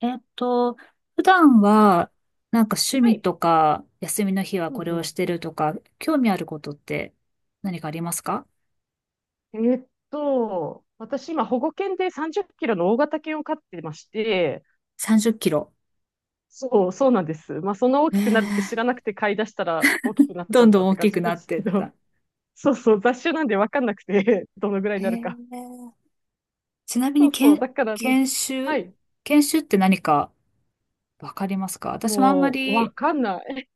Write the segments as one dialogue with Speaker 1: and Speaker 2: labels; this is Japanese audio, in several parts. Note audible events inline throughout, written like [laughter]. Speaker 1: えっと、普段は、なんか趣
Speaker 2: は
Speaker 1: 味
Speaker 2: い。
Speaker 1: とか、休みの日は
Speaker 2: う
Speaker 1: これを
Speaker 2: ん
Speaker 1: してるとか、興味あることって何かありますか？
Speaker 2: うん。私今保護犬で30キロの大型犬を飼ってまして、
Speaker 1: 30キロ キロ。
Speaker 2: そう、そうなんです。まあそんな大
Speaker 1: え
Speaker 2: きくなるって知
Speaker 1: ー、
Speaker 2: らなくて飼い出したら大きくなっちゃ
Speaker 1: どん
Speaker 2: った
Speaker 1: ど
Speaker 2: っ
Speaker 1: ん大
Speaker 2: て感
Speaker 1: き
Speaker 2: じ
Speaker 1: くな
Speaker 2: で
Speaker 1: っ
Speaker 2: す
Speaker 1: て
Speaker 2: け
Speaker 1: っ
Speaker 2: ど、
Speaker 1: た。
Speaker 2: [laughs] そうそう、雑種なんでわかんなくて、[laughs] どのぐらい
Speaker 1: え
Speaker 2: になるか。
Speaker 1: ー、ちなみ
Speaker 2: そ
Speaker 1: に
Speaker 2: うそう、だからね、
Speaker 1: 研
Speaker 2: は
Speaker 1: 修、
Speaker 2: い、
Speaker 1: 研修って何かわかりますか？私もあんま
Speaker 2: もうわ
Speaker 1: り、
Speaker 2: かんない。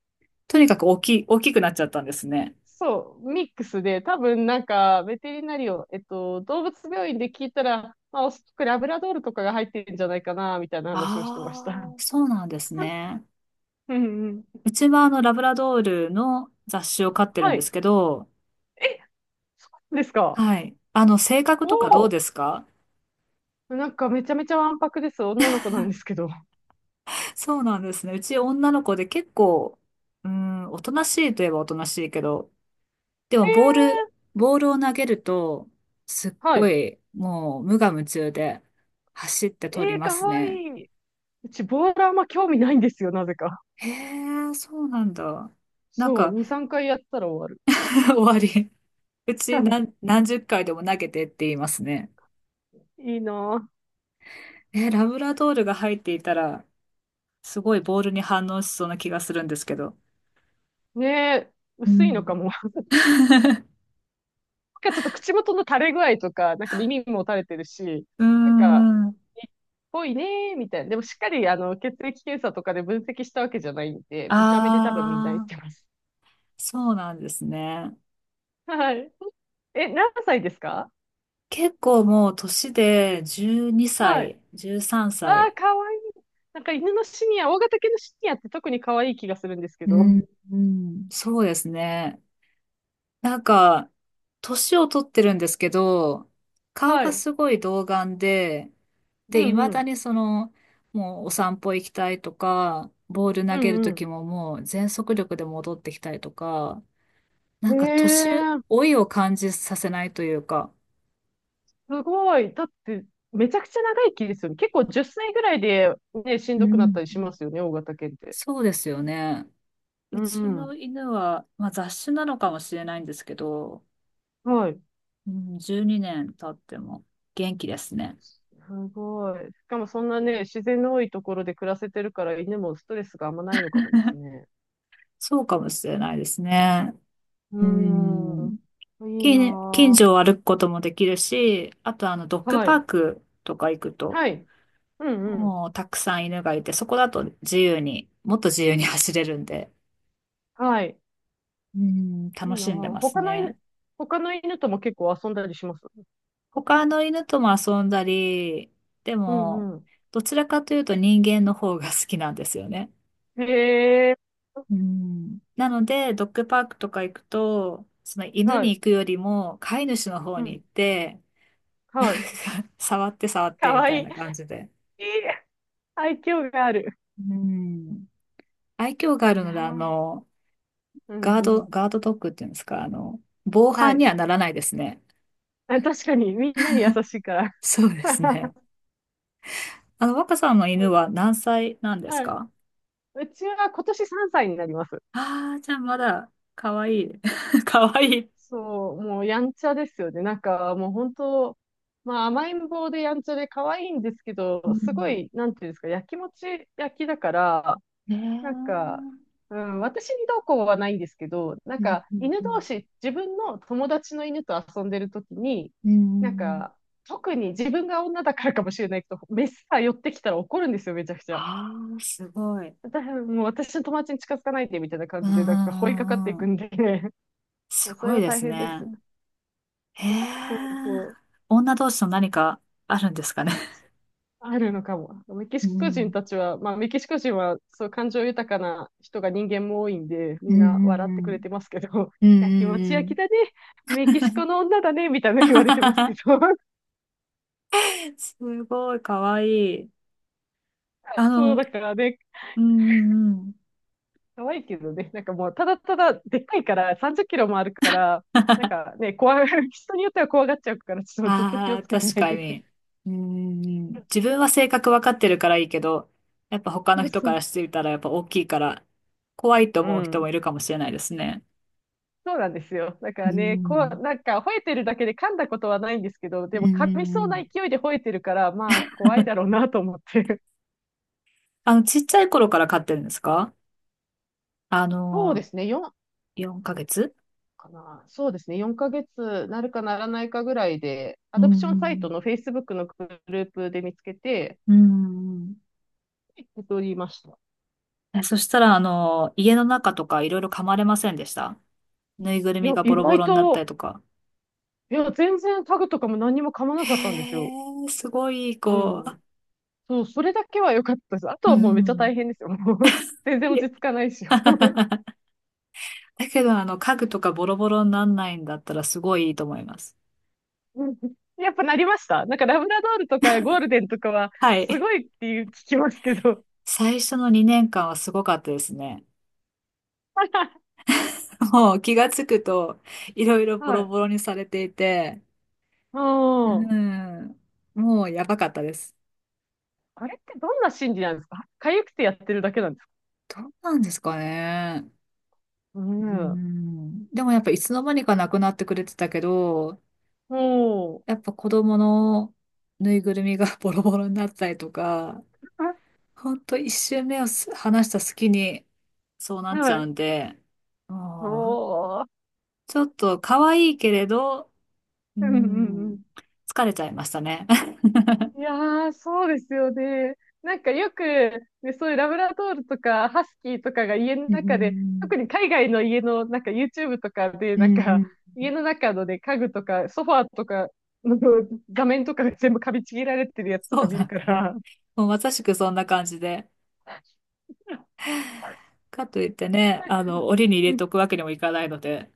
Speaker 1: とにかく大きくなっちゃったんですね。
Speaker 2: そう、ミックスで、多分なんか、ベテリナリオ、動物病院で聞いたら、まあ、おそらくラブラドールとかが入ってるんじゃないかな、みたいな話をしてました。
Speaker 1: ああ、そうなんです
Speaker 2: [laughs]
Speaker 1: ね。
Speaker 2: うんうん。
Speaker 1: うちはあの、ラブラドールの雑種を飼ってるん
Speaker 2: は
Speaker 1: です
Speaker 2: い。
Speaker 1: けど、
Speaker 2: え、そうなんですか。
Speaker 1: はい。あの、性格
Speaker 2: お
Speaker 1: とかどう
Speaker 2: お。
Speaker 1: ですか？
Speaker 2: なんかめちゃめちゃわんぱくです。女の子なんですけど。え
Speaker 1: そうなんですね。うち女の子で結構、うーん、おとなしいといえばおとなしいけど、でもボールを投げると、すっ
Speaker 2: ー、は
Speaker 1: ご
Speaker 2: い。
Speaker 1: い、もう無我夢中で走って
Speaker 2: え
Speaker 1: 取り
Speaker 2: ー、
Speaker 1: ま
Speaker 2: か
Speaker 1: す
Speaker 2: わ
Speaker 1: ね。
Speaker 2: いい。うち、ボーラーあんま興味ないんですよ、なぜか。
Speaker 1: へえ、そうなんだ。なん
Speaker 2: そう、
Speaker 1: か、
Speaker 2: 2、3回やったら終わる。
Speaker 1: [laughs] 終わり。[laughs] うち何十回でも投げてって言いますね。
Speaker 2: [laughs] いいな
Speaker 1: えー、ラブラドールが入っていたら、すごいボールに反応しそうな気がするんですけど。
Speaker 2: ぁ。ねえ、
Speaker 1: う
Speaker 2: 薄いのか
Speaker 1: ん。
Speaker 2: も。な
Speaker 1: [laughs]
Speaker 2: んかちょっと口元の垂れ具合とか、なんか耳も垂れてるし、
Speaker 1: うー
Speaker 2: なんか、
Speaker 1: ん。
Speaker 2: いっぽいねーみたいな。でもしっかり、血液検査とかで分析したわけじゃないんで、見た目で多分みんな言っ
Speaker 1: あ
Speaker 2: て
Speaker 1: あ、
Speaker 2: ます。
Speaker 1: そうなんですね。
Speaker 2: [laughs] はい。え、何歳ですか？
Speaker 1: 結構もう年で12
Speaker 2: はい。
Speaker 1: 歳、13
Speaker 2: ああ、
Speaker 1: 歳。
Speaker 2: かわいい。なんか犬のシニア、大型犬のシニアって特に可愛い気がするんですけ
Speaker 1: う
Speaker 2: ど。
Speaker 1: ん、うん、そうですね。なんか、年を取ってるんですけど、顔
Speaker 2: は
Speaker 1: が
Speaker 2: い。
Speaker 1: すごい童顔で、
Speaker 2: う
Speaker 1: で、
Speaker 2: ん
Speaker 1: 未
Speaker 2: う
Speaker 1: だ
Speaker 2: ん。
Speaker 1: にその、もうお散歩行きたいとか、ボール
Speaker 2: う
Speaker 1: 投げる
Speaker 2: んう
Speaker 1: 時ももう全速力で戻ってきたりとか、
Speaker 2: ん。
Speaker 1: なんか年
Speaker 2: へえ、
Speaker 1: 老いを感じさせないというか、
Speaker 2: すごい。だって、めちゃくちゃ長生きですよね。結構10歳ぐらいで、ね、しん
Speaker 1: う
Speaker 2: どくなっ
Speaker 1: ん。
Speaker 2: たりしますよね、大型犬って。
Speaker 1: そうですよね。
Speaker 2: う
Speaker 1: うち
Speaker 2: ん
Speaker 1: の犬は、まあ、雑種なのかもしれないんですけど、
Speaker 2: うん。はい。
Speaker 1: うん、12年経っても元気ですね。
Speaker 2: すごい。しかもそんなね、自然の多いところで暮らせてるから、犬もストレスがあんまないのかもですね。
Speaker 1: そうかもしれないですね。
Speaker 2: う
Speaker 1: う
Speaker 2: ーん。
Speaker 1: ん。
Speaker 2: いい
Speaker 1: 近
Speaker 2: な
Speaker 1: 所を歩くこともできるし、あとあの、ドッ
Speaker 2: ぁ。
Speaker 1: グ
Speaker 2: は
Speaker 1: パー
Speaker 2: い。
Speaker 1: クとか行くと、
Speaker 2: はい。うんうん。
Speaker 1: もうたくさん犬がいて、そこだと自由に、もっと自由に走れるんで、
Speaker 2: はい。
Speaker 1: うん、
Speaker 2: い
Speaker 1: 楽
Speaker 2: いな
Speaker 1: しんで
Speaker 2: ぁ。
Speaker 1: ますね。
Speaker 2: 他の犬とも結構遊んだりします。
Speaker 1: 他の犬とも遊んだり、で
Speaker 2: う
Speaker 1: も、
Speaker 2: んう
Speaker 1: どちらかというと人間の方が好きなんですよね。
Speaker 2: ん。へえ、
Speaker 1: うん。なので、ドッグパークとか行くと、その犬
Speaker 2: は
Speaker 1: に
Speaker 2: い。
Speaker 1: 行くよりも飼い主の方
Speaker 2: う
Speaker 1: に行
Speaker 2: ん。
Speaker 1: って、なん
Speaker 2: はい。
Speaker 1: か触って触っ
Speaker 2: か
Speaker 1: てみ
Speaker 2: わい
Speaker 1: た
Speaker 2: い。
Speaker 1: い
Speaker 2: いい。
Speaker 1: な感じで。
Speaker 2: 愛嬌がある。
Speaker 1: うん。愛嬌があ
Speaker 2: い
Speaker 1: る
Speaker 2: や
Speaker 1: ので、あ
Speaker 2: ー。
Speaker 1: の、
Speaker 2: うんうん。
Speaker 1: ガードドッグっていうんですか、あの、防
Speaker 2: は
Speaker 1: 犯に
Speaker 2: い。
Speaker 1: はならないですね。
Speaker 2: あ、確かに、みんなに優しいから。
Speaker 1: そうですね。
Speaker 2: [laughs]
Speaker 1: あの、若さんの
Speaker 2: は
Speaker 1: 犬
Speaker 2: い。
Speaker 1: は何歳なんです
Speaker 2: はい。
Speaker 1: か？
Speaker 2: うちは今年3歳になります。
Speaker 1: ああ、じゃあまだ、かわいい。[laughs] かわいい。
Speaker 2: そう、もうやんちゃですよね。なんかもう本当、まあ甘えん坊でやんちゃで可愛いんですけ
Speaker 1: う
Speaker 2: ど、すご
Speaker 1: ん。
Speaker 2: い、なんていうんですか、やきもち焼きだから、
Speaker 1: ね
Speaker 2: なんか、
Speaker 1: え。
Speaker 2: うん、私にどうこうはないんですけど、なん
Speaker 1: うん
Speaker 2: か、
Speaker 1: うん
Speaker 2: 犬
Speaker 1: う
Speaker 2: 同
Speaker 1: ん。
Speaker 2: 士、自分の友達の犬と遊んでるときに、
Speaker 1: う
Speaker 2: なん
Speaker 1: ん。
Speaker 2: か、特に自分が女だからかもしれないけど、メスが寄ってきたら怒るんですよ、めちゃくちゃ。
Speaker 1: ああ、すごい。
Speaker 2: だからもう私の友達に近づかないで、みたいな感
Speaker 1: うん
Speaker 2: じ
Speaker 1: う
Speaker 2: で、なんか、追いかかって
Speaker 1: ん
Speaker 2: い
Speaker 1: うんう
Speaker 2: く
Speaker 1: ん。
Speaker 2: んで、[laughs] も
Speaker 1: す
Speaker 2: うそれ
Speaker 1: ごい
Speaker 2: は
Speaker 1: で
Speaker 2: 大
Speaker 1: す
Speaker 2: 変で
Speaker 1: ね。
Speaker 2: す。
Speaker 1: へ
Speaker 2: そう
Speaker 1: え。
Speaker 2: そう。
Speaker 1: 女同士の何かあるんですかね。
Speaker 2: あるのかも。
Speaker 1: うん
Speaker 2: メキシコ人は、そう、感情豊かな人が人間も多いんで、み
Speaker 1: うん
Speaker 2: ん
Speaker 1: う
Speaker 2: な笑ってくれ
Speaker 1: ん
Speaker 2: てますけど、[laughs]
Speaker 1: うんう
Speaker 2: 焼きも
Speaker 1: ん
Speaker 2: ち
Speaker 1: う
Speaker 2: 焼き
Speaker 1: ん
Speaker 2: だね、メキシコの女だね、みたいな言われてますけど、
Speaker 1: うん。 [laughs] すごい、かわいい。あ
Speaker 2: [laughs] そう、
Speaker 1: の、
Speaker 2: だからね、
Speaker 1: うんうんうん。
Speaker 2: 可愛いけどね、なんかもう、ただただ、でっかいから、30キロもあるから、なん
Speaker 1: [laughs]
Speaker 2: かね、[laughs] 人によっては怖がっちゃうから、ちょっとずっと気を
Speaker 1: ああ、
Speaker 2: つけて
Speaker 1: 確
Speaker 2: ない
Speaker 1: か
Speaker 2: といけな
Speaker 1: に。
Speaker 2: い。
Speaker 1: うーん、自分は性格わかってるからいいけど、やっぱ他
Speaker 2: [laughs] そ
Speaker 1: の
Speaker 2: う
Speaker 1: 人
Speaker 2: そ
Speaker 1: から
Speaker 2: う。
Speaker 1: してみたらやっぱ大きいから、怖いと
Speaker 2: う
Speaker 1: 思う人も
Speaker 2: ん。
Speaker 1: いるかもしれないですね。
Speaker 2: そうなんですよ。だか
Speaker 1: うー
Speaker 2: らね、こう、
Speaker 1: ん。
Speaker 2: なんか吠えてるだけで噛んだことはないんですけど、
Speaker 1: う
Speaker 2: で
Speaker 1: ー
Speaker 2: も噛みそうな
Speaker 1: ん。
Speaker 2: 勢いで吠えてるから、まあ怖いだろうなと思って。
Speaker 1: あの、ちっちゃい頃から飼ってるんですか？あ
Speaker 2: そうで
Speaker 1: の、
Speaker 2: すね、4
Speaker 1: 4ヶ月。
Speaker 2: かな。そうですね、4ヶ月なるかならないかぐらいで、
Speaker 1: う
Speaker 2: ア
Speaker 1: ー
Speaker 2: ドプションサイト
Speaker 1: ん。
Speaker 2: の Facebook のグループで見つけて、
Speaker 1: うーん。
Speaker 2: 受け取りました。
Speaker 1: え、そしたら、あの、家の中とかいろいろ噛まれませんでした？ぬいぐる
Speaker 2: い
Speaker 1: み
Speaker 2: や、
Speaker 1: がボ
Speaker 2: 意
Speaker 1: ロボ
Speaker 2: 外
Speaker 1: ロになった
Speaker 2: と、
Speaker 1: りとか。
Speaker 2: いや、全然タグとかも何にも噛まなかったんです
Speaker 1: へ
Speaker 2: よ。
Speaker 1: え、すごいいい
Speaker 2: う
Speaker 1: 子。
Speaker 2: ん。そう、それだけは良かったです。あと
Speaker 1: う
Speaker 2: はもうめっちゃ大
Speaker 1: ん。
Speaker 2: 変ですよ。もう [laughs] 全然落ち着かないしよ。
Speaker 1: だけど、あの、家具とかボロボロになんないんだったらすごいいいと思います。
Speaker 2: うん。やっぱなりました。なんかラブラドールとかゴールデンとかは
Speaker 1: は
Speaker 2: す
Speaker 1: い。
Speaker 2: ごいっていう聞きますけど。
Speaker 1: 最初の2年間はすごかったですね。
Speaker 2: [laughs]
Speaker 1: もう気がつくと、いろいろボ
Speaker 2: は
Speaker 1: ロ
Speaker 2: い。
Speaker 1: ボロにされていて、
Speaker 2: う
Speaker 1: う
Speaker 2: ん。
Speaker 1: ん、もうやばかったです。
Speaker 2: あれってどんな心理なんですか？痒くてやってるだけなんですか？
Speaker 1: どうなんですかね。
Speaker 2: う
Speaker 1: う
Speaker 2: ん。
Speaker 1: ん。でもやっぱいつの間にかなくなってくれてたけど、
Speaker 2: お
Speaker 1: や
Speaker 2: ー。
Speaker 1: っぱ子供のぬいぐるみが [laughs] ボロボロになったりとか、
Speaker 2: [laughs]
Speaker 1: ほんと一周目をす話した隙にそうなっち
Speaker 2: は
Speaker 1: ゃう
Speaker 2: い。
Speaker 1: んで、
Speaker 2: お
Speaker 1: もう
Speaker 2: ー。
Speaker 1: ちょっと可愛いけれど、う
Speaker 2: うんうん。
Speaker 1: ん、疲れちゃいましたね。[laughs]
Speaker 2: いやー、そうですよね。なんかよく、ね、そういうラブラドールとかハスキーとかが家の
Speaker 1: う
Speaker 2: 中で、
Speaker 1: ん、
Speaker 2: 特に海外の家の、なんか YouTube とかで、
Speaker 1: うん、
Speaker 2: なん
Speaker 1: う
Speaker 2: か
Speaker 1: ん。
Speaker 2: 家の中のね、家具とかソファーとかの [laughs] 座面とかが全部噛みちぎられてるやつと
Speaker 1: そ
Speaker 2: か
Speaker 1: う
Speaker 2: 見
Speaker 1: な
Speaker 2: る
Speaker 1: ん
Speaker 2: か
Speaker 1: で。
Speaker 2: ら、
Speaker 1: もうまさしくそんな感じで。
Speaker 2: [laughs] な
Speaker 1: かといってね、
Speaker 2: ん
Speaker 1: あ
Speaker 2: か、
Speaker 1: の、檻に入れ
Speaker 2: う
Speaker 1: とく
Speaker 2: ん。
Speaker 1: わけにもいかないので。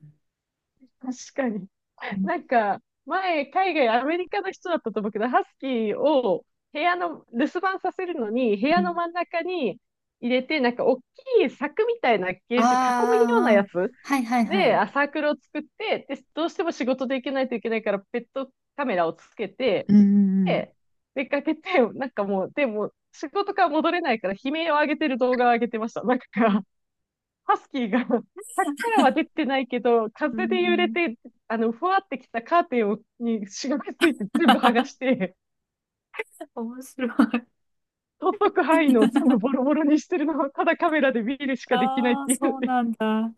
Speaker 2: 確かに。
Speaker 1: うん
Speaker 2: なんか、前、海外、アメリカの人だったと思うけど、ハスキーを部屋の、留守番させるのに、部
Speaker 1: う
Speaker 2: 屋の
Speaker 1: ん。
Speaker 2: 真ん中に入れて、なんか、大きい柵みたいなケ
Speaker 1: あー
Speaker 2: ージ、囲むような
Speaker 1: あ
Speaker 2: や
Speaker 1: ー、あー。
Speaker 2: つ
Speaker 1: はいはいは
Speaker 2: で、
Speaker 1: い。
Speaker 2: サークルを作って、で、どうしても仕事で行けないといけないから、ペットカメラをつけて、
Speaker 1: うんうん
Speaker 2: で、出かけて、なんかもう、でも、仕事から戻れないから、悲鳴を上げてる動画を上げてました。なんか
Speaker 1: うん。
Speaker 2: ハスキーが [laughs] 柵からは出てないけど、
Speaker 1: うんう
Speaker 2: 風で揺れ
Speaker 1: ん。
Speaker 2: て、ふわってきたカーテンをにしがみついて全部剥がし
Speaker 1: [laughs]
Speaker 2: て、
Speaker 1: 面白い。
Speaker 2: 届く範囲のを全部ボ
Speaker 1: [laughs]
Speaker 2: ロボロにしてるのを、ただカメラで見るしかできないっ
Speaker 1: ああ、
Speaker 2: ていうの
Speaker 1: そう
Speaker 2: で、
Speaker 1: なんだ。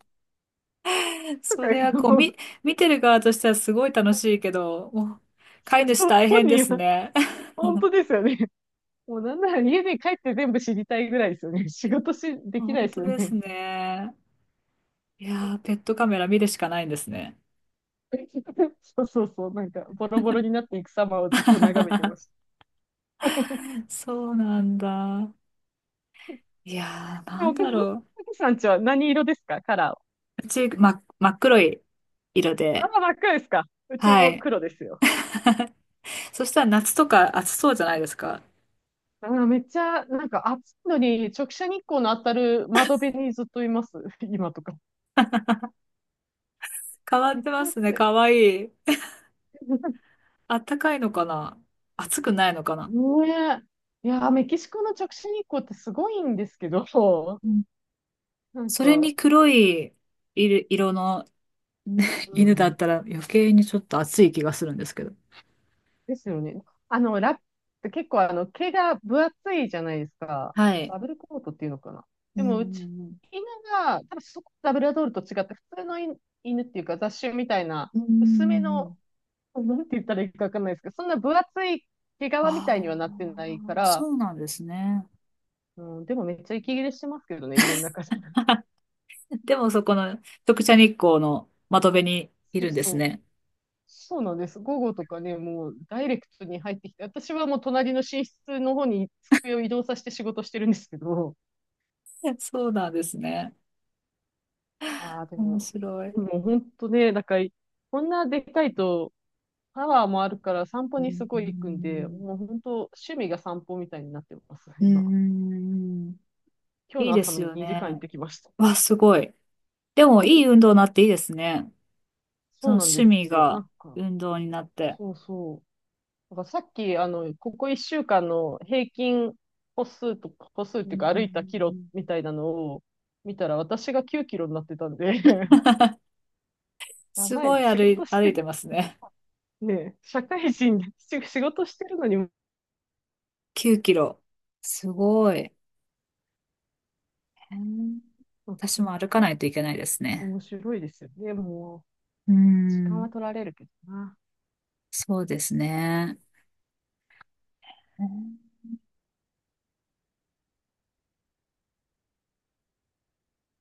Speaker 1: [laughs]
Speaker 2: と
Speaker 1: そ
Speaker 2: かい
Speaker 1: れ
Speaker 2: う
Speaker 1: はこう、
Speaker 2: のを、
Speaker 1: み、見てる側としてはすごい楽しいけど、もう飼い主
Speaker 2: そう
Speaker 1: 大
Speaker 2: 本
Speaker 1: 変で
Speaker 2: 人
Speaker 1: す
Speaker 2: は、
Speaker 1: ね。[laughs]
Speaker 2: 本当ですよね。もうなんなら家に帰って全部知りたいぐらいですよね。仕事し、できないで
Speaker 1: 本当
Speaker 2: すよ
Speaker 1: です
Speaker 2: ね。
Speaker 1: ね。いやー、ペットカメラ見るしかないんですね。
Speaker 2: [laughs] そうそうそう、なんか、ボロボロになっていく様をずっと眺めてまし
Speaker 1: [laughs] そうなんだ。いやー、な
Speaker 2: た。
Speaker 1: ん
Speaker 2: で
Speaker 1: だ
Speaker 2: も、お
Speaker 1: ろ
Speaker 2: 客さんちは何色ですか？カラーは。
Speaker 1: う。うち、ま、真っ黒い色
Speaker 2: あ
Speaker 1: で。
Speaker 2: ー、真っ赤ですか。うち
Speaker 1: は
Speaker 2: も
Speaker 1: い。
Speaker 2: 黒ですよ。
Speaker 1: そしたら夏とか暑そうじゃないですか。
Speaker 2: あー、めっちゃ、なんか暑いのに、直射日光の当たる窓辺にずっといます。[laughs] 今とか。
Speaker 1: 変わ
Speaker 2: め
Speaker 1: っ
Speaker 2: っ
Speaker 1: て
Speaker 2: ち
Speaker 1: ま
Speaker 2: ゃ
Speaker 1: すね。
Speaker 2: 暑い。
Speaker 1: かわいい。
Speaker 2: [laughs]
Speaker 1: あったかいのかな？暑くないのかな？
Speaker 2: ねえ。いやー、メキシコの直射日光ってすごいんですけど、[laughs]
Speaker 1: うん。
Speaker 2: なん
Speaker 1: それに
Speaker 2: か、
Speaker 1: 黒い色色のね、
Speaker 2: う
Speaker 1: 犬だっ
Speaker 2: ん、
Speaker 1: たら余計にちょっと暑い気がするんですけど。
Speaker 2: ですよね。ラップって結構毛が分厚いじゃないですか。
Speaker 1: はい。
Speaker 2: ダブルコートっていうのかな。
Speaker 1: う
Speaker 2: でも、うち、
Speaker 1: ん
Speaker 2: 犬が、多分そこ、ダブルアドールと違って、普通の犬っていうか、雑種みたいな、
Speaker 1: う
Speaker 2: 薄め
Speaker 1: ん。
Speaker 2: の、[laughs] なんて言ったらいいかわかんないですけど、そんな分厚い毛皮みたいには
Speaker 1: あ
Speaker 2: なってないか
Speaker 1: あー、
Speaker 2: ら、
Speaker 1: そうなんですね。
Speaker 2: うん、でもめっちゃ息切れしてますけどね、家の中で。[laughs]
Speaker 1: でもそこの直射日光の窓辺にい
Speaker 2: そう
Speaker 1: るんです
Speaker 2: そう。
Speaker 1: ね。
Speaker 2: そうなんです。午後とかね、もうダイレクトに入ってきて、私はもう隣の寝室の方に机を移動させて仕事してるんですけど、
Speaker 1: [laughs] そうなんですね。
Speaker 2: いやーで
Speaker 1: 面
Speaker 2: も、
Speaker 1: 白い。
Speaker 2: もう本当ね、なんか、こんなでかいと、パワーもあるから散歩
Speaker 1: う
Speaker 2: にす
Speaker 1: んう
Speaker 2: ごい行くんで、
Speaker 1: ん
Speaker 2: もう本当趣味が散歩みたいになってます、
Speaker 1: う
Speaker 2: 今。
Speaker 1: ん。うん。
Speaker 2: 今日
Speaker 1: いい
Speaker 2: の
Speaker 1: で
Speaker 2: 朝
Speaker 1: す
Speaker 2: も
Speaker 1: よ
Speaker 2: 2時間行っ
Speaker 1: ね。
Speaker 2: てきました。
Speaker 1: わ、すごい。でもいい運動になっていいですね。そ
Speaker 2: そ
Speaker 1: の
Speaker 2: うなん
Speaker 1: 趣
Speaker 2: で
Speaker 1: 味
Speaker 2: すよ。な
Speaker 1: が
Speaker 2: んか、
Speaker 1: 運動になって。
Speaker 2: そうそう。だからさっき、ここ1週間の平均歩数とか、歩数っ
Speaker 1: う
Speaker 2: ていう
Speaker 1: ん
Speaker 2: か
Speaker 1: うんうん
Speaker 2: 歩いたキ
Speaker 1: う
Speaker 2: ロみ
Speaker 1: ん。
Speaker 2: たいなのを見たら、私が9キロになってたんで、[laughs] や
Speaker 1: す
Speaker 2: ば
Speaker 1: ご
Speaker 2: い、
Speaker 1: い
Speaker 2: 仕事し
Speaker 1: 歩
Speaker 2: て
Speaker 1: い
Speaker 2: る、
Speaker 1: てますね。
Speaker 2: ねえ、社会人でし仕事してるのに、うん。
Speaker 1: 9キロ。すごい。へー。私も歩かないといけないですね。
Speaker 2: 面白いですよね。も
Speaker 1: うー
Speaker 2: う、時間
Speaker 1: ん。
Speaker 2: は取られるけどな。
Speaker 1: そうですね。へー